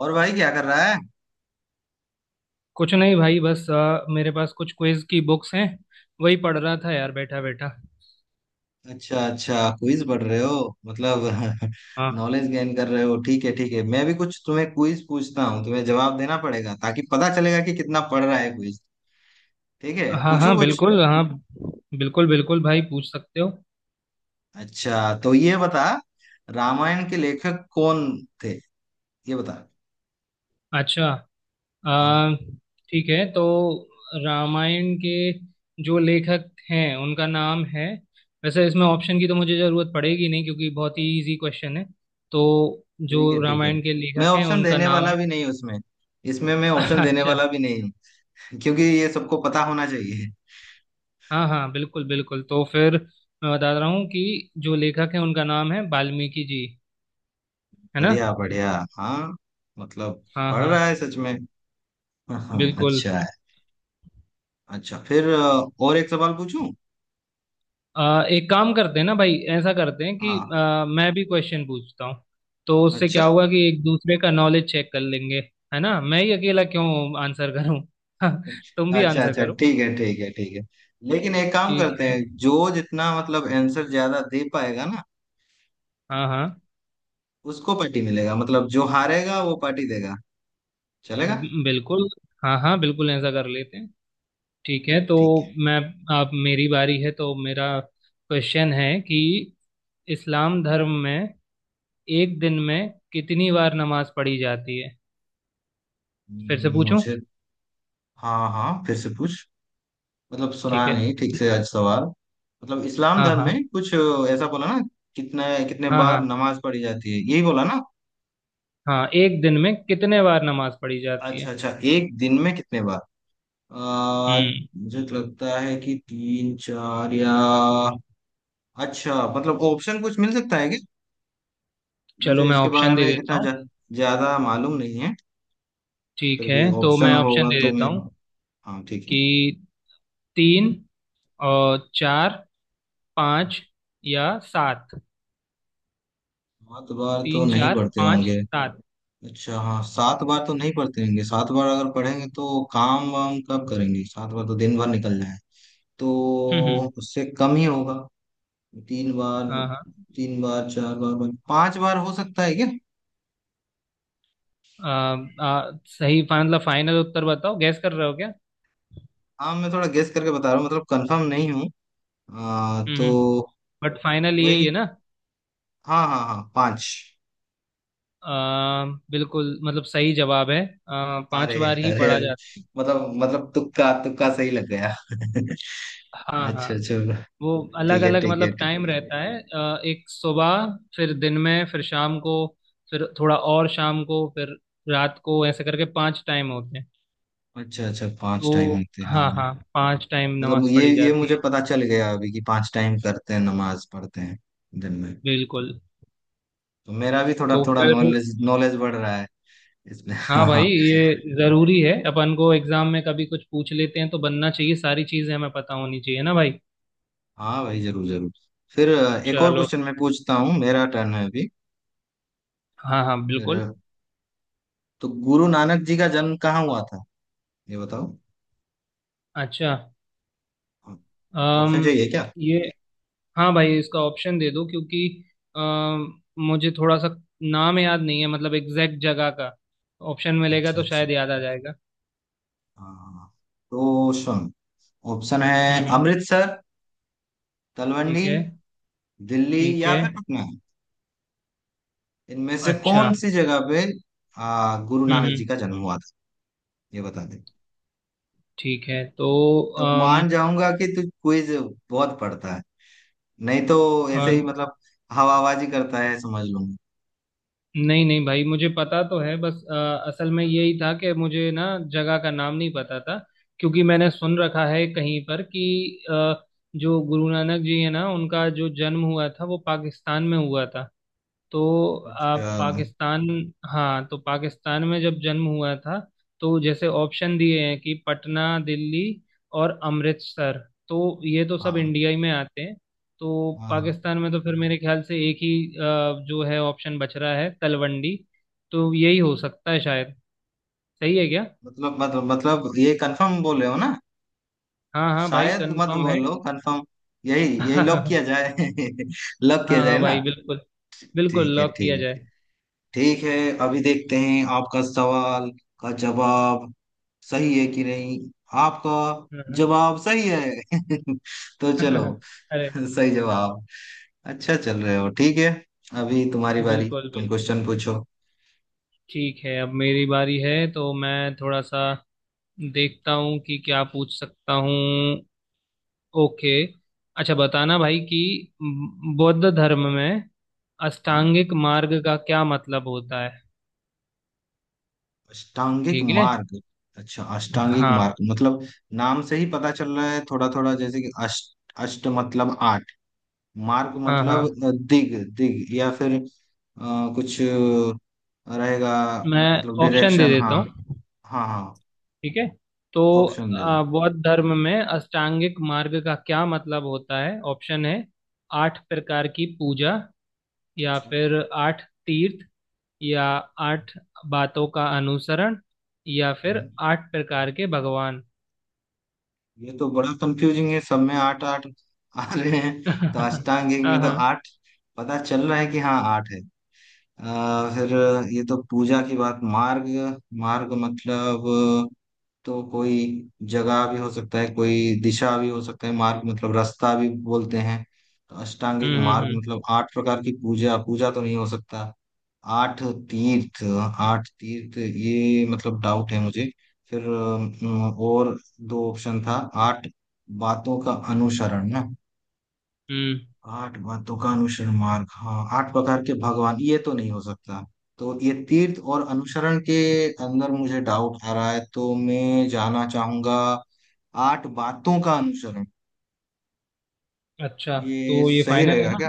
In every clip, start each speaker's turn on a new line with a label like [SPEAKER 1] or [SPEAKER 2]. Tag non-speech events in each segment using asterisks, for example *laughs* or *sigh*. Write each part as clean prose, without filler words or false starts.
[SPEAKER 1] और भाई क्या कर रहा है?
[SPEAKER 2] कुछ नहीं भाई, बस मेरे पास कुछ क्विज की बुक्स हैं। वही पढ़ रहा था यार, बैठा बैठा।
[SPEAKER 1] अच्छा, अच्छा, क्विज पढ़ रहे हो। मतलब। *laughs*
[SPEAKER 2] हाँ
[SPEAKER 1] नॉलेज गेन कर रहे हो। ठीक है, ठीक है। मैं भी कुछ तुम्हें क्विज पूछता हूँ, तुम्हें जवाब देना पड़ेगा ताकि पता चलेगा कि कितना पढ़ रहा है क्विज। ठीक है,
[SPEAKER 2] हाँ,
[SPEAKER 1] पूछू
[SPEAKER 2] हाँ
[SPEAKER 1] कुछ?
[SPEAKER 2] बिल्कुल हाँ। बिल्कुल बिल्कुल भाई, पूछ सकते हो।
[SPEAKER 1] अच्छा, तो ये बता, रामायण के लेखक कौन थे, ये बता।
[SPEAKER 2] अच्छा।
[SPEAKER 1] हाँ।
[SPEAKER 2] अ, ठीक है, तो रामायण के जो लेखक हैं उनका नाम है। वैसे इसमें ऑप्शन की तो मुझे ज़रूरत पड़ेगी नहीं, क्योंकि बहुत ही इजी क्वेश्चन है। तो जो
[SPEAKER 1] ठीक है, ठीक है,
[SPEAKER 2] रामायण के
[SPEAKER 1] मैं
[SPEAKER 2] लेखक हैं
[SPEAKER 1] ऑप्शन
[SPEAKER 2] उनका
[SPEAKER 1] देने
[SPEAKER 2] नाम
[SPEAKER 1] वाला
[SPEAKER 2] है।
[SPEAKER 1] भी नहीं हूँ उसमें। इसमें मैं
[SPEAKER 2] *laughs*
[SPEAKER 1] ऑप्शन देने
[SPEAKER 2] अच्छा।
[SPEAKER 1] वाला भी नहीं हूँ। *laughs* क्योंकि ये सबको पता होना चाहिए।
[SPEAKER 2] हाँ हाँ, बिल्कुल बिल्कुल, तो फिर मैं बता रहा हूँ कि जो लेखक है उनका नाम है वाल्मीकि जी। है ना।
[SPEAKER 1] बढ़िया, बढ़िया। हाँ। मतलब।
[SPEAKER 2] हाँ
[SPEAKER 1] पढ़
[SPEAKER 2] हाँ।
[SPEAKER 1] रहा है सच में। हाँ,
[SPEAKER 2] बिल्कुल।
[SPEAKER 1] अच्छा है। अच्छा, फिर और एक सवाल पूछूं?
[SPEAKER 2] एक काम करते हैं ना भाई, ऐसा करते हैं कि
[SPEAKER 1] हाँ।
[SPEAKER 2] मैं भी क्वेश्चन पूछता हूँ। तो उससे क्या
[SPEAKER 1] अच्छा।
[SPEAKER 2] होगा कि एक दूसरे का नॉलेज चेक कर लेंगे। है ना, मैं ही अकेला क्यों आंसर करूँ। *laughs* तुम भी
[SPEAKER 1] अच्छा,
[SPEAKER 2] आंसर
[SPEAKER 1] अच्छा,
[SPEAKER 2] करो।
[SPEAKER 1] ठीक है, ठीक है, ठीक है। लेकिन एक काम
[SPEAKER 2] ठीक
[SPEAKER 1] करते
[SPEAKER 2] है।
[SPEAKER 1] हैं, जो जितना मतलब आंसर ज्यादा दे पाएगा ना,
[SPEAKER 2] हाँ हाँ।
[SPEAKER 1] उसको पार्टी मिलेगा। मतलब जो हारेगा वो पार्टी देगा, चलेगा?
[SPEAKER 2] बिल्कुल। हाँ हाँ बिल्कुल, ऐसा कर लेते हैं। ठीक है तो
[SPEAKER 1] ठीक है।
[SPEAKER 2] मैं अब मेरी बारी है, तो मेरा क्वेश्चन है कि इस्लाम धर्म में एक दिन में कितनी बार नमाज पढ़ी जाती है। फिर से पूछूं।
[SPEAKER 1] मुझे। हाँ, हाँ, फिर से पूछ। मतलब
[SPEAKER 2] ठीक
[SPEAKER 1] सुना
[SPEAKER 2] है।
[SPEAKER 1] नहीं ठीक से आज सवाल। मतलब इस्लाम
[SPEAKER 2] हाँ
[SPEAKER 1] धर्म
[SPEAKER 2] हाँ।
[SPEAKER 1] में कुछ ऐसा बोला ना? कितने कितने
[SPEAKER 2] हाँ
[SPEAKER 1] बार
[SPEAKER 2] हाँ,
[SPEAKER 1] नमाज पढ़ी जाती है, यही बोला ना?
[SPEAKER 2] हाँ एक दिन में कितने बार नमाज पढ़ी जाती
[SPEAKER 1] अच्छा,
[SPEAKER 2] है।
[SPEAKER 1] अच्छा, एक दिन में कितने बार? आ,
[SPEAKER 2] हम्म।
[SPEAKER 1] मुझे तो लगता है कि तीन चार, या। अच्छा, मतलब ऑप्शन कुछ मिल सकता है क्या?
[SPEAKER 2] चलो
[SPEAKER 1] मुझे
[SPEAKER 2] मैं
[SPEAKER 1] इसके बारे
[SPEAKER 2] ऑप्शन
[SPEAKER 1] में
[SPEAKER 2] दे देता
[SPEAKER 1] इतना
[SPEAKER 2] हूँ।
[SPEAKER 1] ज्यादा मालूम नहीं है।
[SPEAKER 2] ठीक
[SPEAKER 1] फिर
[SPEAKER 2] है
[SPEAKER 1] भी
[SPEAKER 2] तो
[SPEAKER 1] ऑप्शन
[SPEAKER 2] मैं ऑप्शन
[SPEAKER 1] होगा
[SPEAKER 2] दे
[SPEAKER 1] तो
[SPEAKER 2] देता
[SPEAKER 1] मैं।
[SPEAKER 2] हूँ
[SPEAKER 1] हाँ, ठीक है।
[SPEAKER 2] कि तीन और चार, पाँच या सात।
[SPEAKER 1] सात बार तो
[SPEAKER 2] तीन,
[SPEAKER 1] नहीं
[SPEAKER 2] चार,
[SPEAKER 1] पढ़ते
[SPEAKER 2] पाँच,
[SPEAKER 1] होंगे।
[SPEAKER 2] सात।
[SPEAKER 1] अच्छा, हाँ, सात बार तो नहीं पढ़ते होंगे। सात बार अगर पढ़ेंगे तो काम वाम कब करेंगे? सात बार तो दिन भर निकल जाए, तो।
[SPEAKER 2] हम्म।
[SPEAKER 1] उससे कम ही होगा। तीन बार।
[SPEAKER 2] हाँ हाँ।
[SPEAKER 1] तीन बार, चार बार, पांच बार हो सकता है क्या?
[SPEAKER 2] आ, आ, सही मतलब फाइनल उत्तर बताओ, गैस कर रहे हो क्या।
[SPEAKER 1] हाँ, मैं थोड़ा गेस करके बता रहा हूँ, मतलब कंफर्म नहीं हूँ।
[SPEAKER 2] हम्म।
[SPEAKER 1] तो।
[SPEAKER 2] बट फाइनल यही है
[SPEAKER 1] वही।
[SPEAKER 2] ना।
[SPEAKER 1] हाँ, हाँ, हाँ, पांच।
[SPEAKER 2] आ, बिल्कुल मतलब सही जवाब है।
[SPEAKER 1] अरे।
[SPEAKER 2] पांच बार ही
[SPEAKER 1] अरे।
[SPEAKER 2] पढ़ा जाता है।
[SPEAKER 1] मतलब, तुक्का तुक्का सही लग गया। *laughs*
[SPEAKER 2] हाँ हाँ।
[SPEAKER 1] अच्छा, चलो।
[SPEAKER 2] वो अलग
[SPEAKER 1] ठीक है,
[SPEAKER 2] अलग
[SPEAKER 1] ठीक है,
[SPEAKER 2] मतलब
[SPEAKER 1] ठीक
[SPEAKER 2] टाइम
[SPEAKER 1] है।
[SPEAKER 2] रहता है। एक सुबह, फिर दिन में, फिर शाम को, फिर थोड़ा और शाम को, फिर रात को, ऐसे करके पांच टाइम होते हैं।
[SPEAKER 1] अच्छा, अच्छा, पांच टाइम
[SPEAKER 2] तो
[SPEAKER 1] होते हैं, हाँ।
[SPEAKER 2] हाँ हाँ, पांच टाइम
[SPEAKER 1] मतलब
[SPEAKER 2] नमाज
[SPEAKER 1] ये
[SPEAKER 2] पढ़ी
[SPEAKER 1] ये
[SPEAKER 2] जाती
[SPEAKER 1] मुझे
[SPEAKER 2] है।
[SPEAKER 1] पता चल गया अभी कि पांच टाइम करते हैं नमाज पढ़ते हैं दिन में।
[SPEAKER 2] बिल्कुल।
[SPEAKER 1] तो मेरा भी थोड़ा
[SPEAKER 2] तो
[SPEAKER 1] थोड़ा
[SPEAKER 2] फिर
[SPEAKER 1] नॉलेज नॉलेज बढ़ रहा है इसमें। *laughs*
[SPEAKER 2] हाँ
[SPEAKER 1] हाँ,
[SPEAKER 2] भाई,
[SPEAKER 1] हाँ।
[SPEAKER 2] ये जरूरी है, अपन को एग्जाम में कभी कुछ पूछ लेते हैं तो बनना चाहिए, सारी चीजें हमें पता होनी चाहिए ना भाई।
[SPEAKER 1] हाँ भाई, जरूर जरूर। फिर एक और
[SPEAKER 2] चलो,
[SPEAKER 1] क्वेश्चन मैं पूछता हूँ, मेरा टर्न है अभी।
[SPEAKER 2] हाँ हाँ
[SPEAKER 1] फिर।
[SPEAKER 2] बिल्कुल।
[SPEAKER 1] तो गुरु नानक जी का जन्म कहाँ हुआ था, ये बताओ।
[SPEAKER 2] अच्छा। अम
[SPEAKER 1] ऑप्शन चाहिए क्या?
[SPEAKER 2] ये हाँ भाई, इसका ऑप्शन दे दो, क्योंकि मुझे थोड़ा सा नाम याद नहीं है, मतलब एग्जैक्ट जगह का। ऑप्शन मिलेगा
[SPEAKER 1] अच्छा,
[SPEAKER 2] तो
[SPEAKER 1] अच्छा।
[SPEAKER 2] शायद याद आ जाएगा।
[SPEAKER 1] हाँ। तो सुन। ऑप्शन है,
[SPEAKER 2] हम्म।
[SPEAKER 1] अमृतसर, तलवंडी,
[SPEAKER 2] ठीक है।
[SPEAKER 1] दिल्ली
[SPEAKER 2] ठीक
[SPEAKER 1] या
[SPEAKER 2] है।
[SPEAKER 1] फिर पटना। इनमें से
[SPEAKER 2] अच्छा।
[SPEAKER 1] कौन सी जगह पे गुरु नानक जी
[SPEAKER 2] हम्म।
[SPEAKER 1] का जन्म हुआ था, ये बता दे।
[SPEAKER 2] ठीक है तो
[SPEAKER 1] तब
[SPEAKER 2] अम,
[SPEAKER 1] मान जाऊंगा कि तू क्विज बहुत पढ़ता है, नहीं तो
[SPEAKER 2] अ,
[SPEAKER 1] ऐसे ही मतलब हवाबाजी करता है समझ लूंगा।
[SPEAKER 2] नहीं नहीं भाई, मुझे पता तो है, बस असल में यही था कि मुझे ना जगह का नाम नहीं पता था। क्योंकि मैंने सुन रखा है कहीं पर कि जो गुरु नानक जी है ना, उनका जो जन्म हुआ था वो पाकिस्तान में हुआ था। तो
[SPEAKER 1] अच्छा।
[SPEAKER 2] आप पाकिस्तान, हाँ तो पाकिस्तान में जब जन्म हुआ था, तो जैसे ऑप्शन दिए हैं कि पटना, दिल्ली और अमृतसर, तो ये तो सब
[SPEAKER 1] हाँ,
[SPEAKER 2] इंडिया ही में आते हैं। तो
[SPEAKER 1] हाँ, हाँ।
[SPEAKER 2] पाकिस्तान में तो फिर मेरे ख्याल से एक ही जो है ऑप्शन बच रहा है, तलवंडी। तो यही हो सकता है शायद। सही है क्या।
[SPEAKER 1] मतलब, मतलब, मतलब ये कंफर्म बोल रहे हो ना?
[SPEAKER 2] हाँ हाँ भाई,
[SPEAKER 1] शायद मत
[SPEAKER 2] कंफर्म है।
[SPEAKER 1] बोलो, कंफर्म। यही
[SPEAKER 2] *laughs*
[SPEAKER 1] यही लॉक
[SPEAKER 2] हाँ।
[SPEAKER 1] किया जाए। *laughs* लॉक किया जाए
[SPEAKER 2] हाँ
[SPEAKER 1] ना?
[SPEAKER 2] भाई बिल्कुल। बिल्कुल
[SPEAKER 1] ठीक है,
[SPEAKER 2] लॉक
[SPEAKER 1] ठीक
[SPEAKER 2] किया
[SPEAKER 1] है,
[SPEAKER 2] जाए।
[SPEAKER 1] ठीक है। अभी देखते हैं आपका सवाल का जवाब सही है कि नहीं। आपका
[SPEAKER 2] *laughs* हाँ,
[SPEAKER 1] जवाब सही है। *laughs* तो चलो।
[SPEAKER 2] हाँ, अरे
[SPEAKER 1] सही जवाब। अच्छा, चल रहे हो, ठीक है। अभी तुम्हारी बारी,
[SPEAKER 2] बिल्कुल
[SPEAKER 1] तुम
[SPEAKER 2] बिल्कुल।
[SPEAKER 1] क्वेश्चन पूछो।
[SPEAKER 2] ठीक है, अब मेरी बारी है तो मैं थोड़ा सा देखता हूँ कि क्या पूछ सकता हूँ। ओके। अच्छा बताना भाई कि बौद्ध धर्म में
[SPEAKER 1] हाँ।
[SPEAKER 2] अष्टांगिक मार्ग का क्या मतलब होता है।
[SPEAKER 1] अष्टांगिक
[SPEAKER 2] ठीक है।
[SPEAKER 1] मार्ग। अच्छा, अष्टांगिक
[SPEAKER 2] हाँ
[SPEAKER 1] मार्ग मतलब, नाम से ही पता चल रहा है थोड़ा थोड़ा, जैसे कि अष्ट, अष्ट मतलब आठ। मार्ग
[SPEAKER 2] हाँ। हाँ
[SPEAKER 1] मतलब दिग दिग, या फिर कुछ रहेगा।
[SPEAKER 2] मैं
[SPEAKER 1] मतलब
[SPEAKER 2] ऑप्शन दे
[SPEAKER 1] डायरेक्शन,
[SPEAKER 2] देता
[SPEAKER 1] हाँ।
[SPEAKER 2] हूँ।
[SPEAKER 1] हाँ, हाँ।
[SPEAKER 2] ठीक है। तो
[SPEAKER 1] ऑप्शन दे दो।
[SPEAKER 2] बौद्ध धर्म में अष्टांगिक मार्ग का क्या मतलब होता है, ऑप्शन है आठ प्रकार की पूजा, या
[SPEAKER 1] अच्छा।
[SPEAKER 2] फिर आठ तीर्थ, या आठ बातों का अनुसरण, या फिर
[SPEAKER 1] हम्म।
[SPEAKER 2] आठ प्रकार के भगवान।
[SPEAKER 1] ये तो बड़ा कंफ्यूजिंग है, सब में आठ आठ आ रहे हैं। तो
[SPEAKER 2] *laughs*
[SPEAKER 1] अष्टांग योग
[SPEAKER 2] हाँ।
[SPEAKER 1] में तो
[SPEAKER 2] हाँ।
[SPEAKER 1] आठ, पता चल रहा है कि हाँ, आठ है। फिर, ये तो पूजा की बात, मार्ग, मार्ग मतलब, तो कोई जगह भी हो सकता है, कोई दिशा भी हो सकता है, मार्ग मतलब रास्ता भी बोलते हैं। तो अष्टांगिक मार्ग
[SPEAKER 2] हम्म।
[SPEAKER 1] मतलब आठ प्रकार की पूजा, पूजा तो नहीं हो सकता। आठ तीर्थ। आठ तीर्थ ये मतलब डाउट है मुझे। फिर और दो ऑप्शन था। आठ बातों का अनुसरण ना?
[SPEAKER 2] हम्म।
[SPEAKER 1] आठ बातों का अनुसरण मार्ग, हाँ। आठ प्रकार के भगवान ये तो नहीं हो सकता। तो ये तीर्थ और अनुसरण के अंदर मुझे डाउट आ रहा है, तो मैं जाना चाहूंगा, आठ बातों का अनुसरण।
[SPEAKER 2] अच्छा,
[SPEAKER 1] ये
[SPEAKER 2] तो ये
[SPEAKER 1] सही
[SPEAKER 2] फाइनल है
[SPEAKER 1] रहेगा
[SPEAKER 2] ना।
[SPEAKER 1] क्या?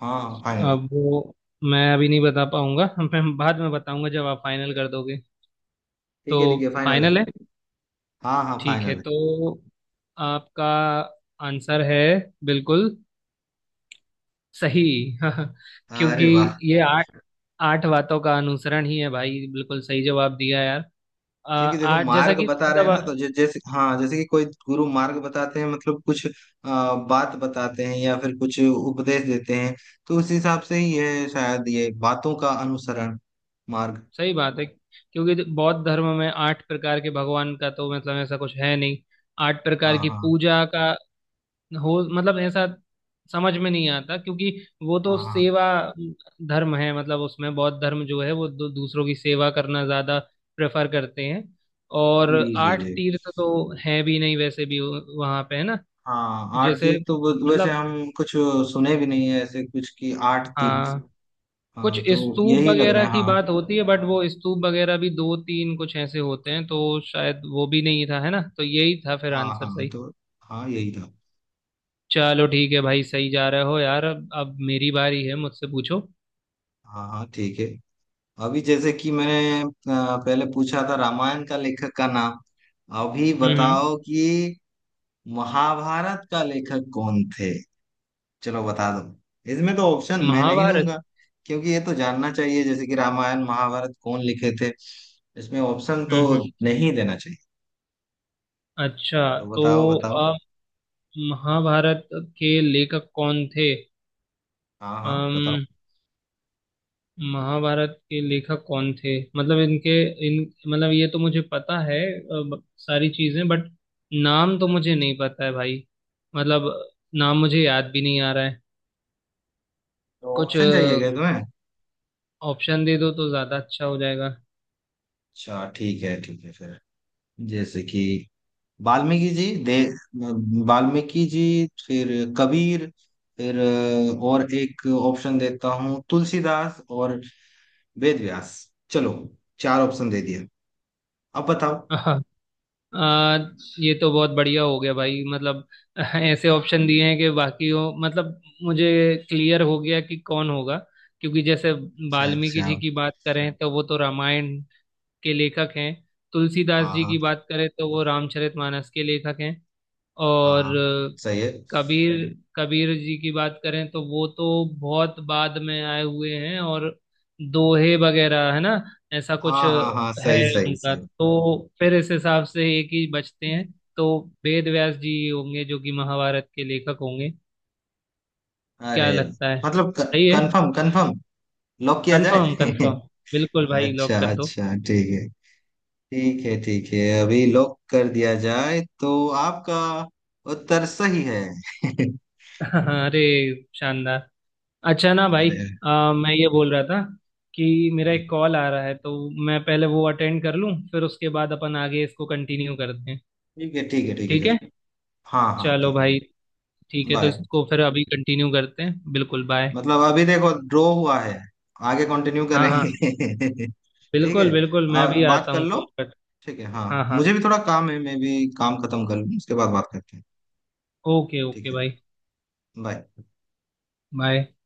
[SPEAKER 1] हाँ, फाइनल।
[SPEAKER 2] अब वो मैं अभी नहीं बता पाऊंगा। *laughs* मैं बाद में बताऊंगा जब आप फाइनल कर दोगे। तो
[SPEAKER 1] ठीक है, ठीक है, फाइनल है।
[SPEAKER 2] फाइनल है।
[SPEAKER 1] हाँ, हाँ,
[SPEAKER 2] ठीक है
[SPEAKER 1] फाइनल
[SPEAKER 2] तो आपका आंसर है बिल्कुल सही। *laughs*
[SPEAKER 1] है।
[SPEAKER 2] क्योंकि
[SPEAKER 1] अरे वाह।
[SPEAKER 2] ये आठ आठ बातों का अनुसरण ही है भाई, बिल्कुल सही जवाब दिया यार। आ,
[SPEAKER 1] क्योंकि देखो,
[SPEAKER 2] आठ जैसा
[SPEAKER 1] मार्ग
[SPEAKER 2] कि
[SPEAKER 1] बता रहे हैं ना,
[SPEAKER 2] मतलब
[SPEAKER 1] तो जैसे, हाँ, जैसे कि कोई गुरु मार्ग बताते हैं मतलब कुछ बात बताते हैं, या फिर कुछ उपदेश देते हैं। तो उस हिसाब से ही है शायद, ये बातों का अनुसरण मार्ग।
[SPEAKER 2] सही बात है, क्योंकि जो बौद्ध धर्म में आठ प्रकार के भगवान का तो मतलब ऐसा कुछ है नहीं। आठ प्रकार
[SPEAKER 1] हाँ,
[SPEAKER 2] की
[SPEAKER 1] हाँ,
[SPEAKER 2] पूजा का हो मतलब ऐसा समझ में नहीं आता, क्योंकि वो तो
[SPEAKER 1] हाँ, हाँ।
[SPEAKER 2] सेवा धर्म है। मतलब उसमें बौद्ध धर्म जो है वो दूसरों की सेवा करना ज्यादा प्रेफर करते हैं। और
[SPEAKER 1] जी, जी,
[SPEAKER 2] आठ
[SPEAKER 1] जी।
[SPEAKER 2] तीर्थ तो है भी नहीं वैसे भी वहां पे, है ना।
[SPEAKER 1] हाँ, आठ
[SPEAKER 2] जैसे
[SPEAKER 1] तीर्थ तो वैसे
[SPEAKER 2] मतलब,
[SPEAKER 1] हम कुछ सुने भी नहीं है ऐसे कुछ कि आठ तीर्थ।
[SPEAKER 2] हाँ कुछ
[SPEAKER 1] हाँ तो,
[SPEAKER 2] स्तूप
[SPEAKER 1] यही लग
[SPEAKER 2] वगैरह
[SPEAKER 1] रहा है
[SPEAKER 2] की
[SPEAKER 1] हाँ
[SPEAKER 2] बात होती है, बट वो स्तूप वगैरह भी दो तीन कुछ ऐसे होते हैं। तो शायद वो भी नहीं था, है ना, तो यही था फिर
[SPEAKER 1] हाँ
[SPEAKER 2] आंसर
[SPEAKER 1] हाँ
[SPEAKER 2] सही।
[SPEAKER 1] तो हाँ, यही था।
[SPEAKER 2] चलो ठीक है भाई, सही जा रहे हो यार। अब मेरी बारी है, मुझसे पूछो।
[SPEAKER 1] हाँ, हाँ, ठीक है। अभी जैसे कि मैंने पहले पूछा था रामायण का लेखक का नाम, अभी
[SPEAKER 2] हम्म।
[SPEAKER 1] बताओ कि महाभारत का लेखक कौन थे। चलो बता दो, इसमें तो ऑप्शन मैं नहीं
[SPEAKER 2] महाभारत।
[SPEAKER 1] दूंगा, क्योंकि ये तो जानना चाहिए, जैसे कि रामायण महाभारत कौन लिखे थे। इसमें ऑप्शन तो
[SPEAKER 2] हम्म।
[SPEAKER 1] नहीं देना चाहिए।
[SPEAKER 2] अच्छा
[SPEAKER 1] तो
[SPEAKER 2] तो
[SPEAKER 1] बताओ, बताओ।
[SPEAKER 2] अ, महाभारत के लेखक कौन थे।
[SPEAKER 1] हाँ, हाँ, बताओ।
[SPEAKER 2] अम महाभारत के लेखक कौन थे, मतलब इनके इन मतलब ये तो मुझे पता है सारी चीजें, बट नाम तो मुझे नहीं पता है भाई, मतलब नाम मुझे याद भी नहीं आ रहा है।
[SPEAKER 1] तो
[SPEAKER 2] कुछ
[SPEAKER 1] ऑप्शन चाहिए क्या तुम्हें?
[SPEAKER 2] ऑप्शन दे दो तो ज्यादा अच्छा हो जाएगा।
[SPEAKER 1] अच्छा, ठीक है, ठीक है, फिर, जैसे कि, वाल्मीकि जी दे, वाल्मीकि जी, फिर कबीर, फिर और एक ऑप्शन देता हूँ, तुलसीदास और वेद व्यास। चलो, चार ऑप्शन दे दिया, अब बताओ।
[SPEAKER 2] *laughs* आ, ये तो बहुत बढ़िया हो गया भाई, मतलब *laughs* ऐसे ऑप्शन दिए हैं कि बाकी हो मतलब मुझे क्लियर हो गया कि कौन होगा। क्योंकि जैसे
[SPEAKER 1] अच्छा,
[SPEAKER 2] वाल्मीकि
[SPEAKER 1] अच्छा।
[SPEAKER 2] जी की बात करें तो वो तो रामायण के लेखक हैं। तुलसीदास
[SPEAKER 1] हाँ,
[SPEAKER 2] जी
[SPEAKER 1] हाँ।
[SPEAKER 2] की बात करें तो वो रामचरितमानस के लेखक हैं।
[SPEAKER 1] हाँ,
[SPEAKER 2] और
[SPEAKER 1] हाँ,
[SPEAKER 2] अ,
[SPEAKER 1] सही है।
[SPEAKER 2] कबीर कबीर जी की बात करें तो वो तो बहुत बाद में आए हुए हैं, और दोहे वगैरह है ना, ऐसा कुछ
[SPEAKER 1] हाँ, हाँ, हाँ,
[SPEAKER 2] है
[SPEAKER 1] सही, सही,
[SPEAKER 2] उनका।
[SPEAKER 1] सही।
[SPEAKER 2] तो फिर इस हिसाब से एक ही बचते हैं। तो वेद व्यास जी ही होंगे जो कि महाभारत के लेखक होंगे।
[SPEAKER 1] अरे,
[SPEAKER 2] क्या लगता है,
[SPEAKER 1] मतलब,
[SPEAKER 2] सही है।
[SPEAKER 1] कंफर्म, कंफर्म, लॉक किया जाए।
[SPEAKER 2] Confirm
[SPEAKER 1] *laughs*
[SPEAKER 2] confirm. बिल्कुल भाई लॉक
[SPEAKER 1] अच्छा,
[SPEAKER 2] कर दो।
[SPEAKER 1] अच्छा, ठीक है। ठीक है, ठीक है, अभी लॉक कर दिया जाए तो आपका उत्तर सही है। *laughs*
[SPEAKER 2] *laughs* अरे शानदार। अच्छा ना भाई,
[SPEAKER 1] अरे।
[SPEAKER 2] मैं ये बोल रहा था कि मेरा एक कॉल आ रहा है, तो मैं पहले वो अटेंड कर लूँ फिर उसके बाद अपन आगे इसको कंटिन्यू करते हैं।
[SPEAKER 1] ठीक है, ठीक है, ठीक है,
[SPEAKER 2] ठीक
[SPEAKER 1] फिर।
[SPEAKER 2] है।
[SPEAKER 1] हाँ, हाँ,
[SPEAKER 2] चलो
[SPEAKER 1] ठीक है, फिर।
[SPEAKER 2] भाई, ठीक है, तो
[SPEAKER 1] बाय।
[SPEAKER 2] इसको फिर अभी कंटिन्यू करते हैं। बिल्कुल। बाय।
[SPEAKER 1] मतलब, अभी देखो, ड्रॉ हुआ है, आगे कंटिन्यू
[SPEAKER 2] हाँ हाँ,
[SPEAKER 1] करेंगे। *laughs* ठीक है।
[SPEAKER 2] बिल्कुल बिल्कुल, मैं भी
[SPEAKER 1] बात
[SPEAKER 2] आता
[SPEAKER 1] कर
[SPEAKER 2] हूँ
[SPEAKER 1] लो।
[SPEAKER 2] कॉल कर।
[SPEAKER 1] ठीक है, हाँ।
[SPEAKER 2] हाँ हाँ।
[SPEAKER 1] मुझे भी थोड़ा काम है, मैं भी काम खत्म कर लूँ, उसके बाद बात करते हैं।
[SPEAKER 2] ओके
[SPEAKER 1] ठीक
[SPEAKER 2] ओके
[SPEAKER 1] है।
[SPEAKER 2] भाई।
[SPEAKER 1] बाय।
[SPEAKER 2] बाय।